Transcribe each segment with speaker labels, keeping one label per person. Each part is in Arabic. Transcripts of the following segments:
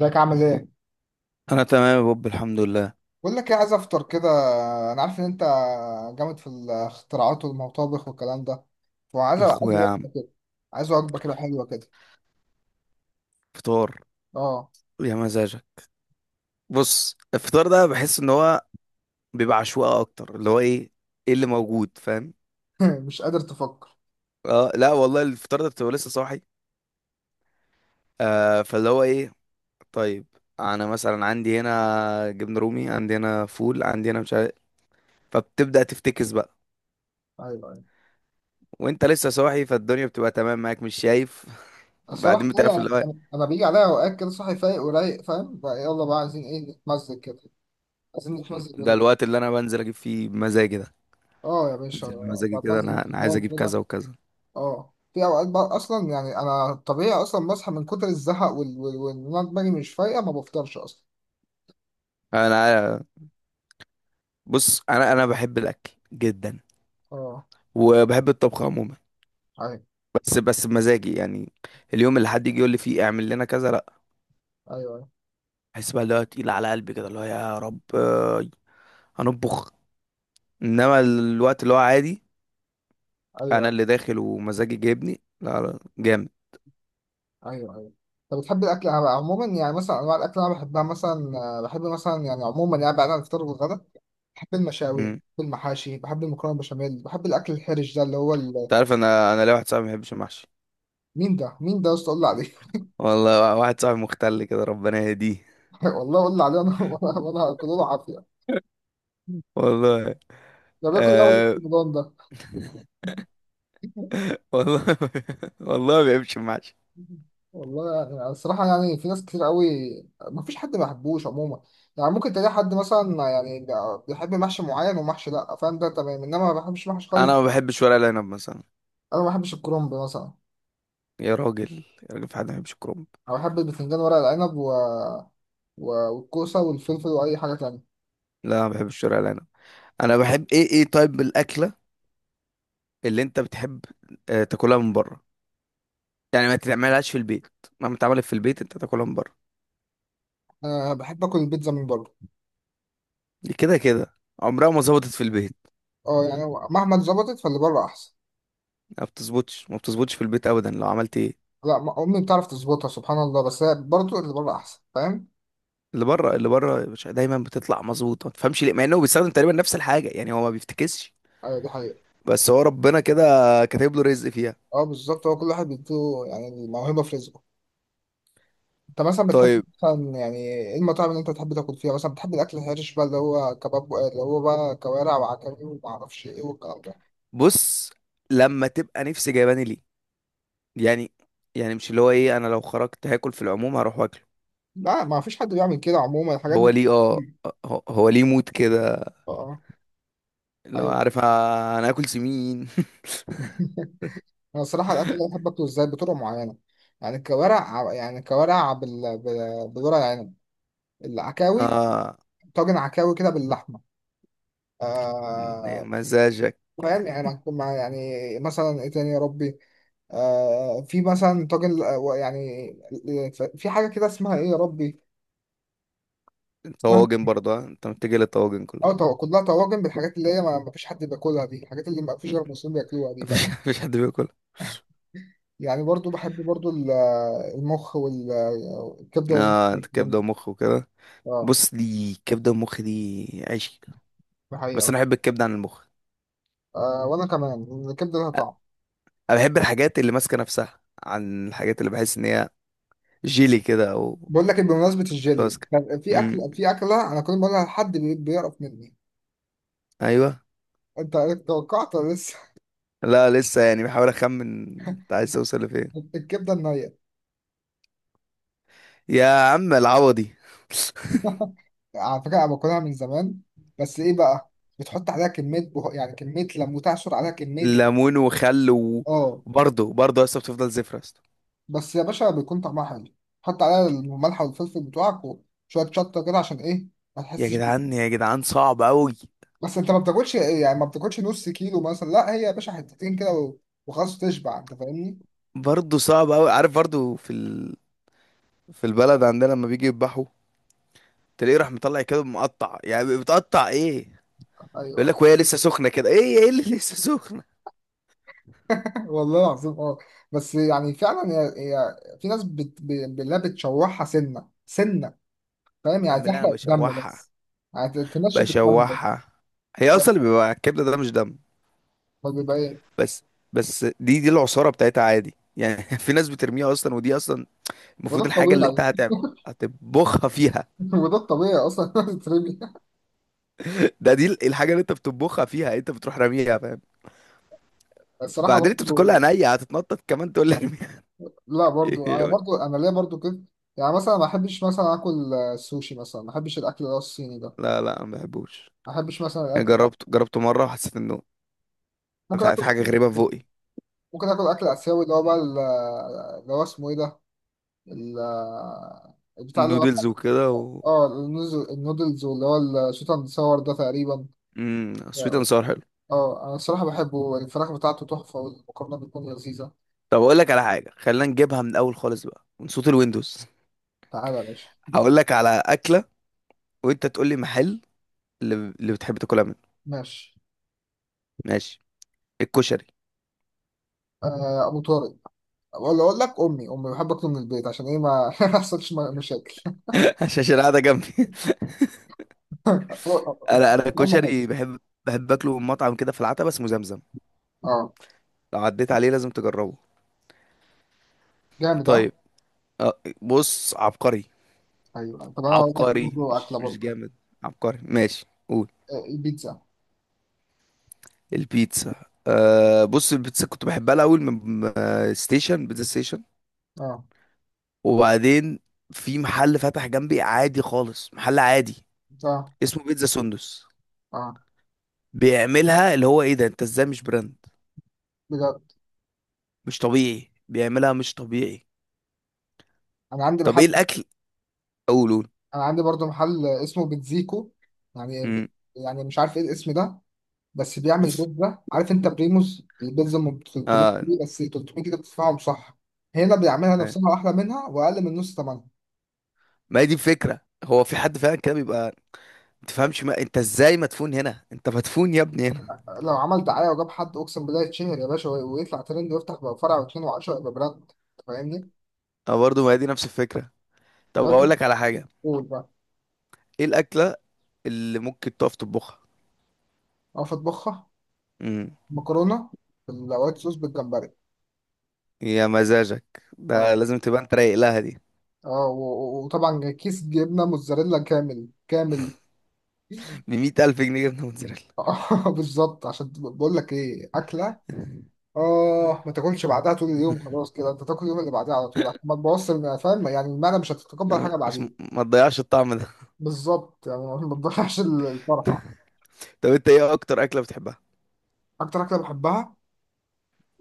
Speaker 1: ازيك عامل ايه؟
Speaker 2: انا تمام يا بوب، الحمد لله.
Speaker 1: بقول لك ايه، عايز افطر كده. انا عارف ان انت جامد في الاختراعات والمطابخ والكلام ده. فعايز عايز
Speaker 2: اخويا يا عم،
Speaker 1: وجبه كده. عايز وجبه كده حلوه كده.
Speaker 2: فطار
Speaker 1: اه.
Speaker 2: يا مزاجك. بص، الفطار ده بحس ان هو بيبقى عشوائي اكتر، اللي هو ايه، ايه اللي موجود، فاهم؟
Speaker 1: مش قادر تفكر؟
Speaker 2: اه لا والله، الفطار ده بتبقى لسه صاحي، آه، فاللي هو ايه. طيب، انا مثلا عندي هنا جبنه رومي، عندي هنا فول، عندي هنا مش عارف، فبتبدا تفتكس بقى
Speaker 1: ايوه، ايوه.
Speaker 2: وانت لسه صاحي، فالدنيا بتبقى تمام معاك، مش شايف؟
Speaker 1: الصراحه
Speaker 2: بعدين بتعرف
Speaker 1: انا
Speaker 2: اللي هو إيه.
Speaker 1: انا أنا بيجي عليا اوقات كده صاحي فايق ورايق، فاهم؟ بقى يلا بقى، عايزين ايه؟ نتمزج كده. عايزين نتمزج
Speaker 2: ده
Speaker 1: بجد.
Speaker 2: الوقت اللي انا بنزل اجيب فيه مزاجي ده.
Speaker 1: اه يا باشا.
Speaker 2: بنزل بمزاجي كده،
Speaker 1: بتمزج
Speaker 2: انا
Speaker 1: في
Speaker 2: انا عايز
Speaker 1: الفطار
Speaker 2: اجيب
Speaker 1: كده.
Speaker 2: كذا وكذا.
Speaker 1: اه، في اوقات بقى اصلا يعني انا طبيعي اصلا بصحى من كتر الزهق وان انا دماغي مش فايقه ما بفطرش اصلا.
Speaker 2: انا بص، انا بحب الاكل جدا،
Speaker 1: اه.
Speaker 2: وبحب الطبخ عموما،
Speaker 1: ايوه،
Speaker 2: بس بس بمزاجي يعني. اليوم اللي حد يجي يقول لي فيه اعمل لنا كذا، لا.
Speaker 1: ايوه، أيوة.
Speaker 2: احس بقى اللي هو تقيل على قلبي كده، اللي هو يا رب آه، هنطبخ. انما الوقت اللي هو عادي،
Speaker 1: ايوه،
Speaker 2: انا اللي داخل ومزاجي جايبني، لا لا، جامد.
Speaker 1: ايوه. ايوه. طب بتحب الاكل عموما؟ يعني مثلا انواع الاكل اللي انا بحبها مثلا، بحب مثلا، يعني عموما يعني بعد عن الفطار والغدا، بحب المشاوي،
Speaker 2: امم.
Speaker 1: بحب المحاشي، بحب المكرونه بشاميل، بحب الاكل الحرج ده اللي هو
Speaker 2: انت عارف انا ليا واحد صاحبي ما بيحبش المحشي.
Speaker 1: مين ده؟ مين ده يا اسطى؟ قول لي عليه.
Speaker 2: والله واحد صاحبي مختل كده، ربنا يهديه.
Speaker 1: والله قول لي عليه، انا وانا وأنا هاكل له عافيه.
Speaker 2: والله،
Speaker 1: ده بياكل قوي
Speaker 2: آه.
Speaker 1: رمضان ده.
Speaker 2: والله. والله ما بيحبش المحشي.
Speaker 1: والله يعني الصراحة يعني في ناس كتير قوي ما فيش حد ما بيحبوش عموما. يعني ممكن تلاقي حد مثلا يعني بيحب محشي معين ومحشي لا، فاهم؟ ده تمام، انما ما بحبش محشي خالص.
Speaker 2: انا ما بحبش ورق العنب مثلا.
Speaker 1: انا ما بحبش الكرنب مثلا.
Speaker 2: يا راجل يا راجل، في حد ما بيحبش الكرنب؟
Speaker 1: انا بحب البتنجان، ورق العنب، و... والكوسه والفلفل واي حاجه تانية.
Speaker 2: لا انا بحب الشوربه العنب. انا بحب ايه ايه، طيب الاكله اللي انت بتحب آه، تاكلها من بره، يعني ما تعملهاش في البيت. ما بتعملت في البيت، انت تاكلها من بره.
Speaker 1: انا بحب اكل البيتزا من بره.
Speaker 2: دي كده كده عمرها ما ظبطت في البيت.
Speaker 1: اه يعني هو مهما اتظبطت فاللي بره احسن.
Speaker 2: ما بتظبطش في البيت ابدا، لو عملت ايه.
Speaker 1: لا، امي بتعرف تظبطها سبحان الله، بس هي برضه اللي بره احسن، فاهم؟
Speaker 2: اللي بره اللي بره يا باشا، دايما بتطلع مظبوطه، ما تفهمش ليه، مع انه بيستخدم تقريبا نفس الحاجه، يعني هو ما بيفتكسش.
Speaker 1: ايوه دي حقيقه.
Speaker 2: بس هو ربنا كده كاتب له رزق فيها.
Speaker 1: اه بالظبط، هو كل واحد بيديله يعني الموهبه في رزقه. انت مثلا بتحب
Speaker 2: طيب،
Speaker 1: مثلا، يعني ايه المطاعم اللي انت بتحب تاكل فيها مثلا؟ بتحب الاكل الحرش بقى اللي هو كباب، اللي هو بقى كوارع وعكاوي وما اعرفش ايه، والكلام ده.
Speaker 2: بص، لما تبقى نفسي جايباني ليه، يعني يعني مش اللي هو ايه. انا لو خرجت هاكل في العموم، هروح واكله.
Speaker 1: لا ما فيش حد بيعمل كده عموما الحاجات
Speaker 2: هو
Speaker 1: دي.
Speaker 2: ليه اه، هو ليه موت كده،
Speaker 1: اه.
Speaker 2: لو
Speaker 1: ايوه.
Speaker 2: عارف آه، انا اكل سمين.
Speaker 1: انا الصراحه الاكل ده بحب اكله ازاي، بطرق معينه. الكوارع بالورق العنب، العكاوي،
Speaker 2: اه،
Speaker 1: طاجن عكاوي كده باللحمه. آه...
Speaker 2: مزاجك.
Speaker 1: فاهم يعني يعني مثلا ايه تاني يا ربي؟ في مثلا طاجن، يعني في حاجه كده اسمها ايه يا ربي؟ اسمها،
Speaker 2: الطواجن برضه آه، انت متجه للطواجن
Speaker 1: اه
Speaker 2: كلها.
Speaker 1: كلها طواجن بالحاجات اللي هي ما فيش حد بياكلها دي، الحاجات اللي ما فيش غير المصريين بياكلوها دي،
Speaker 2: مفيش
Speaker 1: فاهم؟
Speaker 2: مفيش حد بياكل.
Speaker 1: يعني برضو بحب برضو المخ والكبده
Speaker 2: اه
Speaker 1: والكلام
Speaker 2: انت كبده
Speaker 1: ده.
Speaker 2: ومخ وكده.
Speaker 1: اه
Speaker 2: بص، دي كبده ومخ، دي عيش.
Speaker 1: دي
Speaker 2: بس
Speaker 1: حقيقة.
Speaker 2: انا بحب الكبده عن المخ.
Speaker 1: آه وأنا كمان الكبدة لها طعم.
Speaker 2: انا بحب الحاجات اللي ماسكه نفسها، عن الحاجات اللي بحس ان هي جيلي كده، او
Speaker 1: بقول لك إيه، بمناسبة
Speaker 2: مش
Speaker 1: الجيلي،
Speaker 2: متماسكه.
Speaker 1: كان
Speaker 2: امم.
Speaker 1: في أكلة أنا كل ما أقولها لحد بيقرف مني.
Speaker 2: ايوه.
Speaker 1: أنت توقعت ولا لسه؟
Speaker 2: لا لسه، يعني بحاول اخمن انت عايز توصل لفين.
Speaker 1: الكبدة النية.
Speaker 2: يا عم العوضي.
Speaker 1: على فكرة أنا باكلها من زمان، بس إيه بقى، بتحط عليها كمية يعني كمية لم، وتعصر عليها كمية.
Speaker 2: ليمون وخل
Speaker 1: آه.
Speaker 2: وبرضه برضه يا اسطى بتفضل زفرة يا اسطى.
Speaker 1: بس يا باشا بيكون طعمها حلو. حط عليها الملح والفلفل بتوعك وشوية شطة كده عشان إيه؟ ما
Speaker 2: يا
Speaker 1: تحسش بيه.
Speaker 2: جدعان يا جدعان، صعب قوي.
Speaker 1: بس أنت ما بتاكلش إيه، يعني ما بتاكلش نص كيلو مثلا، لا هي يا باشا حتتين كده وخلاص تشبع، أنت فاهمني؟
Speaker 2: برضه صعب قوي، عارف؟ برضه في البلد عندنا لما بيجي يذبحوا، تلاقيه راح مطلع كده مقطع، يعني بتقطع ايه. بيقول
Speaker 1: ايوه.
Speaker 2: لك وهي لسه سخنه كده، ايه ايه اللي لسه سخنه.
Speaker 1: والله العظيم اه. بس يعني فعلا هي، هي في ناس بالله بتشوحها سنه سنه، فاهم؟
Speaker 2: يا
Speaker 1: يعني
Speaker 2: عم لا
Speaker 1: تحرق
Speaker 2: انا
Speaker 1: الدم
Speaker 2: بشوحها،
Speaker 1: بس. يعني تنشف الدم بس.
Speaker 2: بشوحها. هي
Speaker 1: اه،
Speaker 2: اصلا اللي بيبقى على الكبده ده مش دم.
Speaker 1: فبيبقى ايه؟
Speaker 2: بس، بس دي العصاره بتاعتها عادي يعني. في ناس بترميها اصلا، ودي اصلا
Speaker 1: وده
Speaker 2: المفروض الحاجه اللي انت
Speaker 1: الطبيعي.
Speaker 2: هتعمل هتطبخها فيها.
Speaker 1: وده الطبيعي اصلا. الناس تترمي.
Speaker 2: ده دي الحاجه اللي انت بتطبخها فيها، انت بتروح راميها، فاهم؟
Speaker 1: الصراحه
Speaker 2: بعدين انت بتقول لها
Speaker 1: برضه،
Speaker 2: نيه، هتتنطط كمان تقول لي ارميها.
Speaker 1: لا برضه انا، برضه انا ليا برضه كده. يعني مثلا ما احبش مثلا اكل، سوشي مثلا، ما احبش الاكل اللي هو الصيني ده.
Speaker 2: لا لا ما بحبوش.
Speaker 1: ما احبش مثلا
Speaker 2: يعني
Speaker 1: الاكل ده.
Speaker 2: جربته مره وحسيت انه
Speaker 1: ممكن
Speaker 2: في في حاجه
Speaker 1: اكل.
Speaker 2: غريبه في بوقي.
Speaker 1: ممكن اكل اسيوي، اللي هو بقى اللي هو اسمه ايه ده، ال- البتاع اللي هو،
Speaker 2: النودلز وكده و...
Speaker 1: اه النودلز، واللي هو الشوت اند ساور ده تقريبا.
Speaker 2: امم، سويت اند ساور حلو.
Speaker 1: اه انا الصراحه بحبه، الفراخ بتاعته تحفه والمكرونه بتكون لذيذه.
Speaker 2: طب اقول لك على حاجه، خلينا نجيبها من الاول خالص بقى من صوت الويندوز.
Speaker 1: تعالى يا باشا.
Speaker 2: هقول لك على اكله، وانت تقول لي محل اللي بتحب تاكلها منه.
Speaker 1: ماشي.
Speaker 2: ماشي. الكشري.
Speaker 1: آه، ابو طارق. ولا اقول لك امي بحب اكل من البيت عشان ايه؟ ما ما يحصلش مشاكل.
Speaker 2: عشان قاعده جنبي. انا
Speaker 1: امي حلو.
Speaker 2: الكشري بحب، بحب اكله من مطعم كده في العتبه، اسمه زمزم.
Speaker 1: اه
Speaker 2: لو عديت عليه لازم تجربه.
Speaker 1: جامد
Speaker 2: طيب،
Speaker 1: اه.
Speaker 2: أه بص، عبقري.
Speaker 1: ايوه. طب انا اقول لك
Speaker 2: عبقري،
Speaker 1: برضه
Speaker 2: مش
Speaker 1: اكله
Speaker 2: مش
Speaker 1: برضه،
Speaker 2: جامد، عبقري، ماشي، قول.
Speaker 1: البيتزا.
Speaker 2: البيتزا، أه بص، البيتزا كنت بحبها الاول من آه، ستيشن، بيتزا ستيشن.
Speaker 1: اه.
Speaker 2: وبعدين في محل فتح جنبي، عادي خالص، محل عادي
Speaker 1: اه.
Speaker 2: اسمه بيتزا سندس.
Speaker 1: اه.
Speaker 2: بيعملها اللي هو ايه، ده انت ازاي، مش براند.
Speaker 1: بجد،
Speaker 2: مش طبيعي، بيعملها مش طبيعي.
Speaker 1: انا عندي
Speaker 2: طب ايه
Speaker 1: محل.
Speaker 2: الاكل، قول قول.
Speaker 1: انا عندي برضه محل اسمه بيتزيكو، يعني،
Speaker 2: امم.
Speaker 1: يعني مش عارف ايه الاسم ده، بس بيعمل بيتزا. عارف انت بريموز البيتزا ام 300
Speaker 2: اه
Speaker 1: جنيه بس 300 جنيه بتدفعهم، صح؟ هنا بيعملها
Speaker 2: آه.
Speaker 1: نفسها واحلى منها واقل من نص ثمنها.
Speaker 2: ما هي دي الفكره، هو في حد فعلا كده بيبقى ما تفهمش، ما انت ازاي مدفون هنا، انت مدفون يا ابني هنا.
Speaker 1: لو عمل دعايه وجاب حد، اقسم بالله يتشهر يا باشا، ويطلع ترند ويفتح بقى فرع واتنين وعشرة يبقى براند. انت فاهمني؟
Speaker 2: اه برضه ما هي دي نفس الفكره. طب
Speaker 1: لو انت
Speaker 2: اقول لك على حاجه،
Speaker 1: بتقول بقى
Speaker 2: ايه الاكله اللي ممكن تقف تطبخها؟
Speaker 1: اقف اطبخها؟
Speaker 2: امم.
Speaker 1: مكرونه بالوايت صوص بالجمبري.
Speaker 2: يا مزاجك،
Speaker 1: اه.
Speaker 2: ده لازم تبقى انت رايق لها دي.
Speaker 1: اه وطبعا كيس جبنه موتزاريلا كامل كامل.
Speaker 2: ب 100000 ألف جنيه جبنه موتزاريلا.
Speaker 1: اه بالظبط. عشان بقول لك ايه اكله اه، ما تاكلش بعدها طول اليوم، خلاص كده انت تاكل اليوم اللي بعدها على طول عشان ما تبوظش فاهم؟ يعني المعده مش هتتقبل حاجه
Speaker 2: عشان
Speaker 1: بعدين.
Speaker 2: ما تضيعش الطعم ده.
Speaker 1: بالظبط، يعني ما تضيعش الفرحه.
Speaker 2: طب انت، ايه اكتر اكله بتحبها؟
Speaker 1: اكتر اكله بحبها،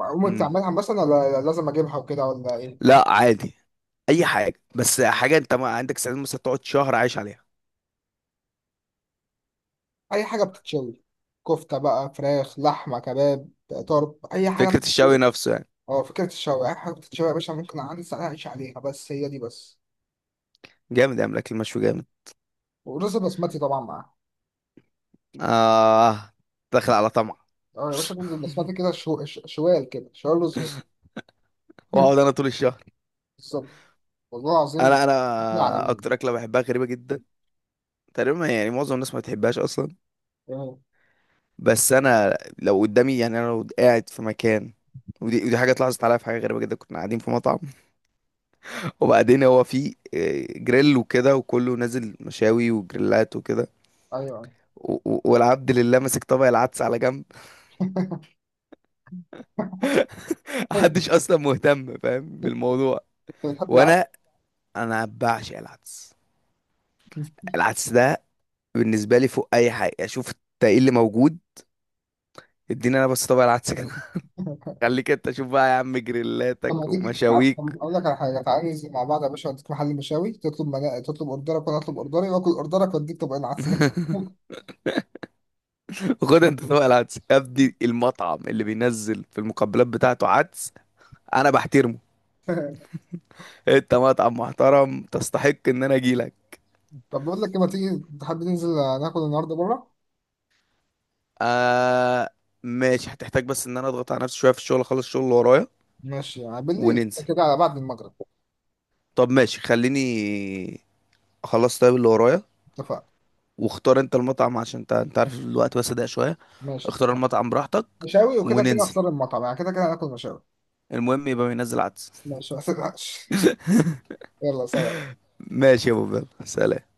Speaker 1: امي
Speaker 2: امم.
Speaker 1: بتعملها مثلا ولا لازم اجيبها وكده ولا ايه؟
Speaker 2: لا عادي، اي حاجه، بس حاجه انت ما عندك سعاده مثلا تقعد شهر عايش عليها.
Speaker 1: اي حاجه بتتشوي، كفته بقى، فراخ، لحمه، كباب، طرب، اي حاجه
Speaker 2: فكرة الشوي
Speaker 1: بتتشوي.
Speaker 2: نفسه يعني،
Speaker 1: اه فكره الشوي، اي حاجه بتتشوي يا باشا ممكن عندي ساعه اعيش عليها، بس هي دي بس.
Speaker 2: جامد يا عم، الأكل المشوي جامد.
Speaker 1: ورز بسمتي طبعا معاها.
Speaker 2: آه، داخل على طمع.
Speaker 1: اه يا باشا، رز بسمتي كده، شوال كده، شوال رز بسمتي.
Speaker 2: واقعد أنا طول الشهر.
Speaker 1: بالظبط. والله العظيم.
Speaker 2: أنا
Speaker 1: فكرة
Speaker 2: أنا أكتر
Speaker 1: عالمية.
Speaker 2: أكلة بحبها غريبة جدا، تقريبا يعني معظم الناس ما بتحبهاش أصلا.
Speaker 1: ايه؟
Speaker 2: بس أنا لو قدامي، يعني أنا لو قاعد في مكان. ودي حاجة اتلاحظت عليا، في حاجة غريبة جدا، كنا قاعدين في مطعم. وبعدين هو في آه، جريل وكده، وكله نازل مشاوي وجريلات وكده،
Speaker 1: ايوه.
Speaker 2: والعبد لله ماسك طبق العدس على جنب. محدش اصلا مهتم فاهم بالموضوع.
Speaker 1: انت بتحب العك.
Speaker 2: وانا بعشق العدس. العدس ده بالنسبه لي فوق اي حاجه اشوف. انت ايه اللي موجود، اديني انا بس طبق العدس كده. خليك انت شوف بقى يا عم
Speaker 1: طب ما
Speaker 2: جريلاتك
Speaker 1: تيجي. طب
Speaker 2: ومشاويك.
Speaker 1: اقول لك على حاجه، تعالى ننزل مع بعض يا باشا. اديك محل مشاوي، تطلب تطلب اوردرك، وانا اطلب اوردري واكل اوردرك واديك طبقين عدس بقى.
Speaker 2: خد انت طبق العدس يا ابني. المطعم اللي بينزل في المقبلات بتاعته عدس، انا بحترمه. انت مطعم محترم، تستحق ان انا اجيلك.
Speaker 1: طب بقول لك إيه، ما تيجي تحب ننزل ناكل النهارده بره؟
Speaker 2: آه ماشي، هتحتاج بس ان انا اضغط على نفسي شويه في الشغل، اخلص الشغل اللي ورايا
Speaker 1: ماشي، يعني بالليل
Speaker 2: وننزل.
Speaker 1: كده، على بعد المغرب.
Speaker 2: طب ماشي، خليني اخلص طيب اللي ورايا،
Speaker 1: اتفقنا.
Speaker 2: واختار انت المطعم، عشان انت عارف الوقت بس ضيق شويه.
Speaker 1: ماشي
Speaker 2: اختار
Speaker 1: اتفقنا.
Speaker 2: المطعم براحتك
Speaker 1: مشاوي وكده كده،
Speaker 2: وننزل.
Speaker 1: اختار المطعم، يعني كده كده هناكل مشاوي.
Speaker 2: المهم يبقى بينزل عدس.
Speaker 1: ماشي ما تقلقش. يلا سلام.
Speaker 2: ماشي يا ابو بابا، سلام.